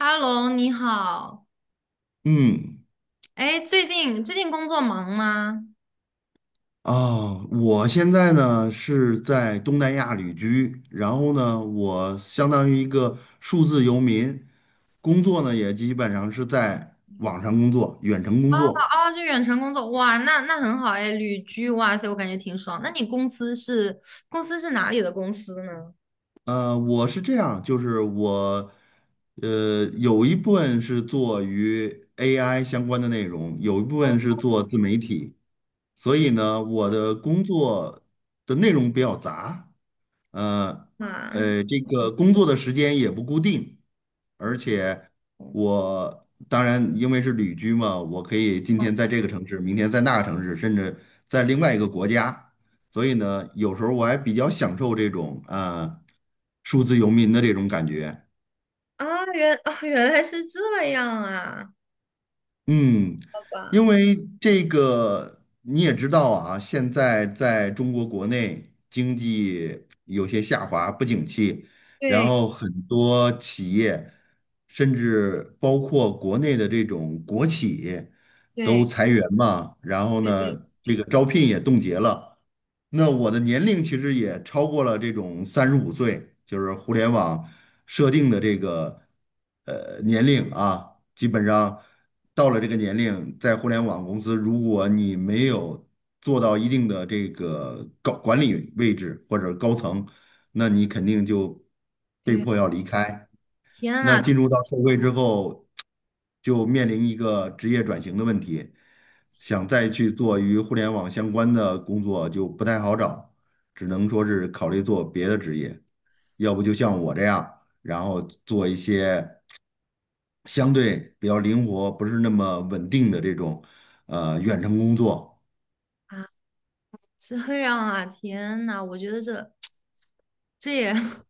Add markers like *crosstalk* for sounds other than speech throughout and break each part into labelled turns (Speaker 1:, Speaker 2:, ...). Speaker 1: 哈喽，你好。
Speaker 2: 嗯，
Speaker 1: 哎，最近工作忙吗？
Speaker 2: 我现在呢是在东南亚旅居，然后呢，我相当于一个数字游民，工作呢也基本上是在网上工作，远程工作。
Speaker 1: 啊，就远程工作，哇，那很好哎，旅居，哇塞，我感觉挺爽。那你公司是哪里的公司呢？
Speaker 2: 我是这样，就是我,有一部分是做与 AI 相关的内容，有一部分是做自媒体，所以呢，我的工作的内容比较杂。呃
Speaker 1: 啊
Speaker 2: 这个工作的时间也不固定，而且我当然因为是旅居嘛，我可以今天在这个城市，明天在那个城市，甚至在另外一个国家，所以呢，有时候我还比较享受这种数字游民的这种感觉。
Speaker 1: 原来是这样啊，
Speaker 2: 嗯，
Speaker 1: 好吧，
Speaker 2: 因为这个你也知道啊，现在在中国国内经济有些下滑，不景气，然
Speaker 1: 对
Speaker 2: 后很多企业，甚至包括国内的这种国企都
Speaker 1: 对
Speaker 2: 裁员嘛，然后
Speaker 1: 对对
Speaker 2: 呢，这
Speaker 1: 对，
Speaker 2: 个招聘也冻结了。那我的年龄其实也超过了这种35岁，就是互联网设定的这个年龄啊，基本上到了这个年龄，在互联网公司，如果你没有做到一定的这个高管理位置或者高层，那你肯定就被
Speaker 1: 对，
Speaker 2: 迫要离开。
Speaker 1: 天
Speaker 2: 那
Speaker 1: 呐
Speaker 2: 进入到社会之后，就面临一个职业转型的问题，想
Speaker 1: 天
Speaker 2: 再去做与互联网相关的工作就不太好找，只能说是考虑做别的职业，要不就像我这样，然后做一些相对比较灵活、不是那么稳定的这种远程工作。
Speaker 1: 啊，这样啊，天呐，我觉得这 *tsk* 这也 *laughs*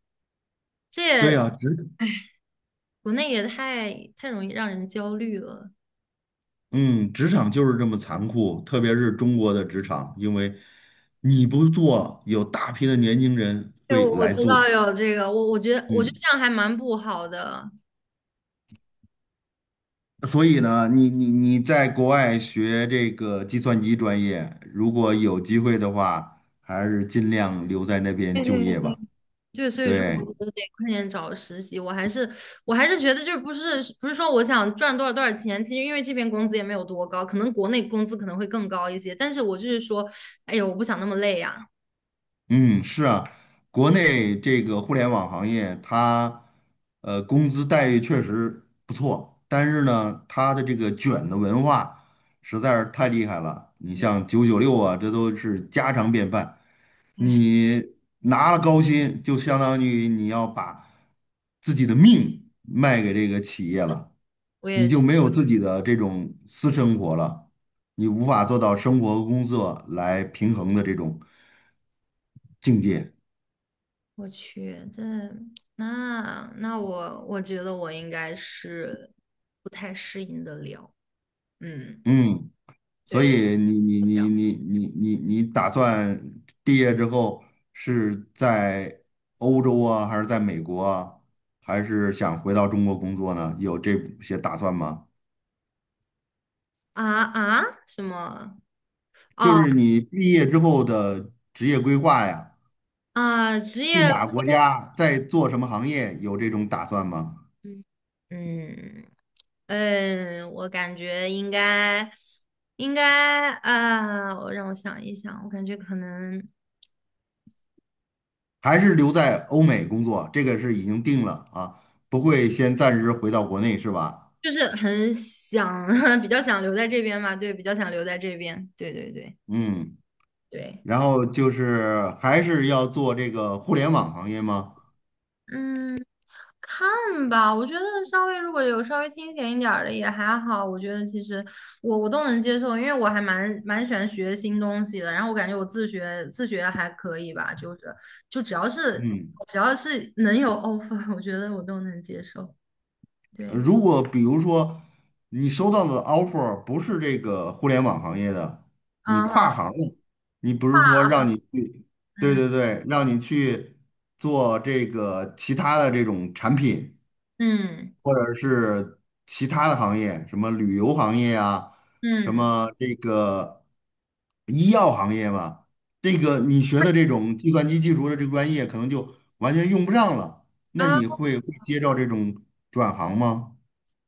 Speaker 1: 这
Speaker 2: 对
Speaker 1: 也，
Speaker 2: 呀，职，
Speaker 1: 哎，国内也太容易让人焦虑了。
Speaker 2: 嗯，职场就是这么残酷，特别是中国的职场，因为你不做，有大批的年轻人
Speaker 1: 对，
Speaker 2: 会
Speaker 1: 我
Speaker 2: 来
Speaker 1: 知
Speaker 2: 做。
Speaker 1: 道有这个，我觉得
Speaker 2: 嗯，
Speaker 1: 这样还蛮不好的。
Speaker 2: 所以呢，你在国外学这个计算机专业，如果有机会的话，还是尽量留在那边
Speaker 1: 对
Speaker 2: 就
Speaker 1: 对对，
Speaker 2: 业吧。
Speaker 1: 对，所以说
Speaker 2: 对，
Speaker 1: 我觉得得快点找实习。我还是觉得就是不是说我想赚多少多少钱。其实因为这边工资也没有多高，可能国内工资可能会更高一些，但是我就是说，哎呦，我不想那么累呀、
Speaker 2: 嗯，是啊，国内这个互联网行业，它工资待遇确实不错，但是呢，它的这个卷的文化实在是太厉害了。你像996啊，这都是家常便饭。
Speaker 1: 哎，
Speaker 2: 你拿了高薪，就相当于你要把自己的命卖给这个企业了，
Speaker 1: 我
Speaker 2: 你
Speaker 1: 也
Speaker 2: 就没有自己的这种私生活了，你无法做到生活和工作来平衡的这种境界。
Speaker 1: 我去，这那我觉得我应该是不太适应得了。嗯，
Speaker 2: 嗯，
Speaker 1: 对，
Speaker 2: 所
Speaker 1: 我
Speaker 2: 以你打算毕业之后是在欧洲啊，还是在美国啊，还是想回到中国工作呢？有这些打算吗？
Speaker 1: 什么？
Speaker 2: 就
Speaker 1: 哦。
Speaker 2: 是你毕业之后的职业规划呀，
Speaker 1: 啊，职
Speaker 2: 去
Speaker 1: 业
Speaker 2: 哪
Speaker 1: 规
Speaker 2: 个国家，在做什么行业，有这种打算吗？
Speaker 1: 嗯嗯嗯，我感觉应该啊，我让我想一想，我感觉可能
Speaker 2: 还是留在欧美工作？这个是已经定了啊，不会先暂时回到国内是吧？
Speaker 1: 就是很想，*laughs* 比较想留在这边嘛。对，比较想留在这边，对对对
Speaker 2: 嗯。
Speaker 1: 对，
Speaker 2: 然后就是还是要做这个互联网行业吗？
Speaker 1: 嗯。看吧，我觉得稍微如果有稍微清闲一点儿的也还好，我觉得其实我都能接受，因为我还蛮喜欢学新东西的，然后我感觉我自学自学还可以吧，就是就只要是
Speaker 2: 嗯，
Speaker 1: 只要是能有 *laughs* offer，我觉得我都能接受。对，
Speaker 2: 如果比如说你收到的 offer 不是这个互联网行业的，你
Speaker 1: 啊，
Speaker 2: 跨行了，你不是说让你去，对
Speaker 1: 嗯
Speaker 2: 对对，让你去做这个其他的这种产品，
Speaker 1: 嗯
Speaker 2: 或者是其他的行业，什么旅游行业啊，什
Speaker 1: 嗯
Speaker 2: 么这个医药行业吧，这个你学的这种计算机技术的这个专业，可能就完全用不上了。那
Speaker 1: 啊，
Speaker 2: 你会接到这种转行吗？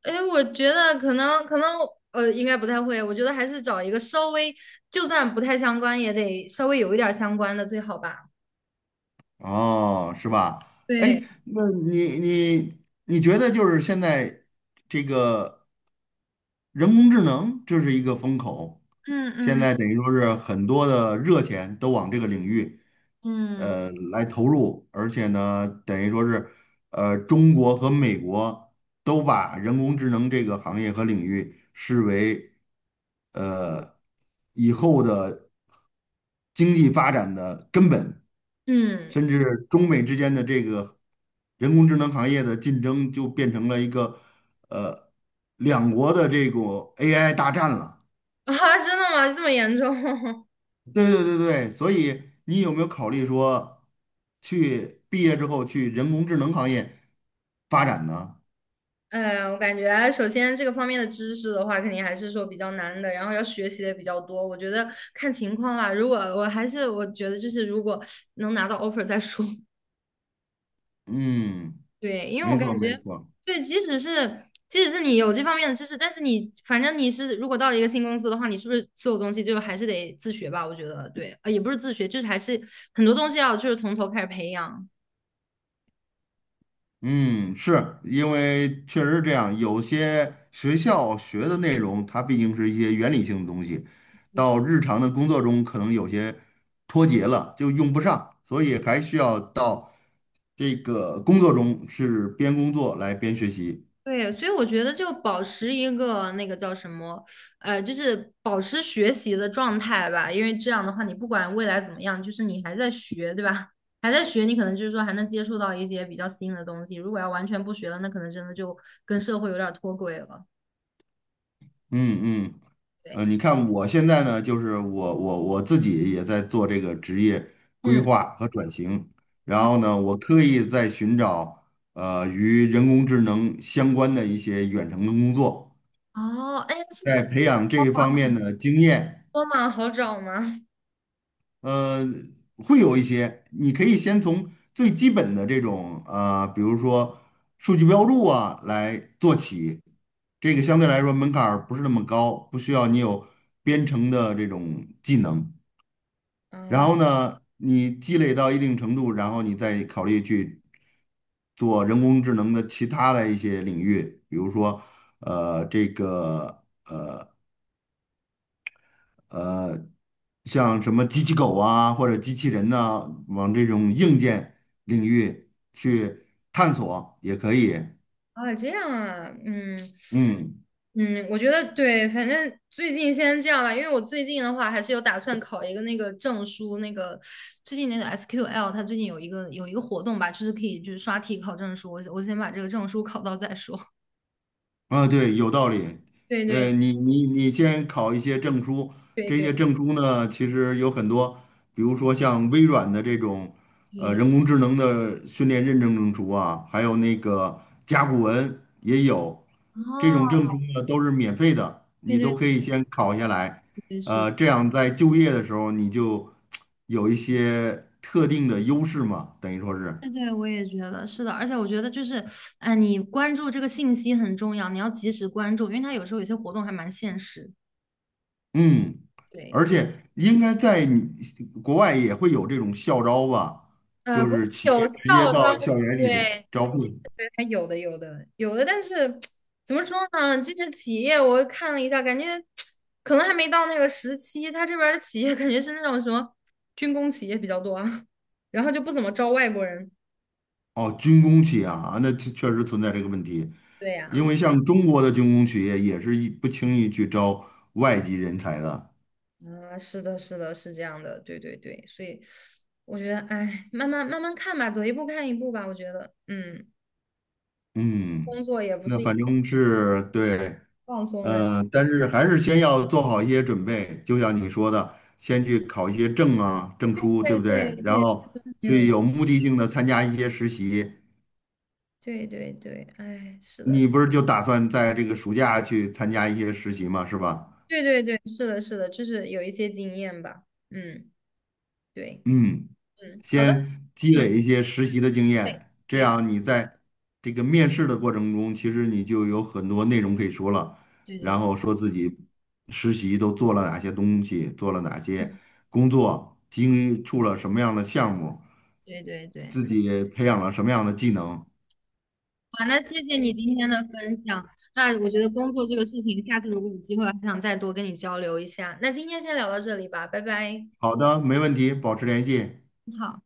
Speaker 1: 哎，我觉得可能应该不太会，我觉得还是找一个稍微就算不太相关也得稍微有一点儿相关的最好吧。
Speaker 2: 哦，是吧？哎，
Speaker 1: 对，
Speaker 2: 那你你你觉得就是现在这个人工智能，这是一个风口，
Speaker 1: 嗯
Speaker 2: 现
Speaker 1: 嗯
Speaker 2: 在等于说是很多的热钱都往这个领域。
Speaker 1: 嗯
Speaker 2: 来投入，而且呢，等于说是，呃，中国和美国都把人工智能这个行业和领域视为呃以后的经济发展的根本，
Speaker 1: 嗯
Speaker 2: 甚至中美之间的这个人工智能行业的竞争就变成了一个呃两国的这种 AI 大战了。
Speaker 1: 啊，真的吗？这么严重？*laughs*
Speaker 2: 对对对对，所以你有没有考虑说，去毕业之后去人工智能行业发展呢？
Speaker 1: 哎，我感觉首先这个方面的知识的话，肯定还是说比较难的，然后要学习的也比较多。我觉得看情况吧，如果我还是我觉得就是如果能拿到 offer 再说。
Speaker 2: 嗯，
Speaker 1: 对，因为我
Speaker 2: 没错
Speaker 1: 感
Speaker 2: 没
Speaker 1: 觉，
Speaker 2: 错，
Speaker 1: 对，即使是你有这方面的知识，但是你反正你是如果到了一个新公司的话，你是不是所有东西就还是得自学吧？我觉得对，也不是自学，就是还是很多东西要就是从头开始培养。
Speaker 2: 嗯，是因为确实是这样，有些学校学的内容，它毕竟是一些原理性的东西，到日常的工作中可能有些脱节了，就用不上，所以还需要到这个工作中是边工作来边学习。
Speaker 1: 对，所以我觉得就保持一个那个叫什么，就是保持学习的状态吧。因为这样的话，你不管未来怎么样，就是你还在学，对吧？还在学，你可能就是说还能接触到一些比较新的东西。如果要完全不学了，那可能真的就跟社会有点儿脱轨了。
Speaker 2: 嗯嗯。
Speaker 1: 对，
Speaker 2: 呃，你看我现在呢，就是我自己也在做这个职业规
Speaker 1: 嗯，
Speaker 2: 划和转型，然
Speaker 1: 哦
Speaker 2: 后呢，我刻意在寻找与人工智能相关的一些远程的工作，
Speaker 1: 哦，哎，是
Speaker 2: 在培养这一方面的经验，
Speaker 1: 多吗？好找吗？*laughs*
Speaker 2: 呃，会有一些，你可以先从最基本的这种比如说数据标注啊来做起。这个相对来说门槛儿不是那么高，不需要你有编程的这种技能。然
Speaker 1: 啊
Speaker 2: 后呢，你积累到一定程度，然后你再考虑去做人工智能的其他的一些领域，比如说，呃，这个呃，像什么机器狗啊，或者机器人呐、往这种硬件领域去探索也可以。
Speaker 1: 这样啊，嗯，
Speaker 2: 嗯。
Speaker 1: 嗯，我觉得对，反正最近先这样吧。因为我最近的话还是有打算考一个那个证书，那个最近那个 SQL，它最近有一个活动吧，就是可以就是刷题考证书，我先把这个证书考到再说。*laughs*
Speaker 2: 啊，对，有道理。
Speaker 1: 对
Speaker 2: 呃，
Speaker 1: 对
Speaker 2: 你你你先考一些证书，
Speaker 1: 对
Speaker 2: 这
Speaker 1: 对
Speaker 2: 些证书呢，其实有很多，比如说像微软的这种，呃，
Speaker 1: 对，
Speaker 2: 人工智能的训练认证证书啊，还有那个甲骨文也有，这种
Speaker 1: 哦，
Speaker 2: 证书呢都是免费的，
Speaker 1: 对
Speaker 2: 你都
Speaker 1: 对
Speaker 2: 可以先考下来。
Speaker 1: 对是，
Speaker 2: 呃，这样在就业的时候你就有一些特定的优势嘛，等于说是。
Speaker 1: 对对，我也觉得是的。而且我觉得就是，哎，你关注这个信息很重要，你要及时关注，因为它有时候有些活动还蛮限时。
Speaker 2: 嗯，
Speaker 1: 对，
Speaker 2: 而且应该在你国外也会有这种校招吧，就
Speaker 1: 国内
Speaker 2: 是企
Speaker 1: 有
Speaker 2: 业
Speaker 1: 校
Speaker 2: 直接
Speaker 1: 招，
Speaker 2: 到校园里
Speaker 1: 对，
Speaker 2: 招聘。
Speaker 1: 还有的，有的，有的，但是怎么说呢？这些企业我看了一下，感觉可能还没到那个时期。他这边儿的企业感觉是那种什么军工企业比较多啊，然后就不怎么招外国人。
Speaker 2: 哦，军工企业啊，那确确实存在这个问题，
Speaker 1: 对
Speaker 2: 因
Speaker 1: 呀，
Speaker 2: 为像中国的军工企业也是一不轻易去招外籍人才的。
Speaker 1: 啊，是的，是的，是这样的，对对对，所以我觉得，哎，慢慢慢慢看吧，走一步看一步吧。我觉得，嗯，工
Speaker 2: 嗯，
Speaker 1: 作也不
Speaker 2: 那
Speaker 1: 是一
Speaker 2: 反正是对。
Speaker 1: 放松的，
Speaker 2: 呃，但是还是先要做好一些准备，就像你说的，先去考一些证啊、证书，对
Speaker 1: 对
Speaker 2: 不对？
Speaker 1: 对
Speaker 2: 然
Speaker 1: 对，
Speaker 2: 后
Speaker 1: 没
Speaker 2: 去
Speaker 1: 有，
Speaker 2: 有目的性的参加一些实习。
Speaker 1: 对对对，哎，是的。
Speaker 2: 你不是就打算在这个暑假去参加一些实习吗？是吧？
Speaker 1: 对对对，是的，是的，就是有一些经验吧。嗯，对，
Speaker 2: 嗯。
Speaker 1: 嗯，好的，
Speaker 2: 先积
Speaker 1: 嗯，
Speaker 2: 累一些实习的经验，这
Speaker 1: 对
Speaker 2: 样你在这个面试的过程中，其实你就有很多内容可以说了，
Speaker 1: 对对，
Speaker 2: 然后说自己实习都做了哪些东西，做了哪些
Speaker 1: 嗯，
Speaker 2: 工作，经触了什么样的项目，
Speaker 1: 对对对，
Speaker 2: 自
Speaker 1: 嗯，
Speaker 2: 己培养了什么样的技能。
Speaker 1: 好，那谢谢你今天的分享。那我觉得工作这个事情，下次如果有机会，还想再多跟你交流一下。那今天先聊到这里吧，拜拜。
Speaker 2: 好的，没问题，保持联系。
Speaker 1: 好。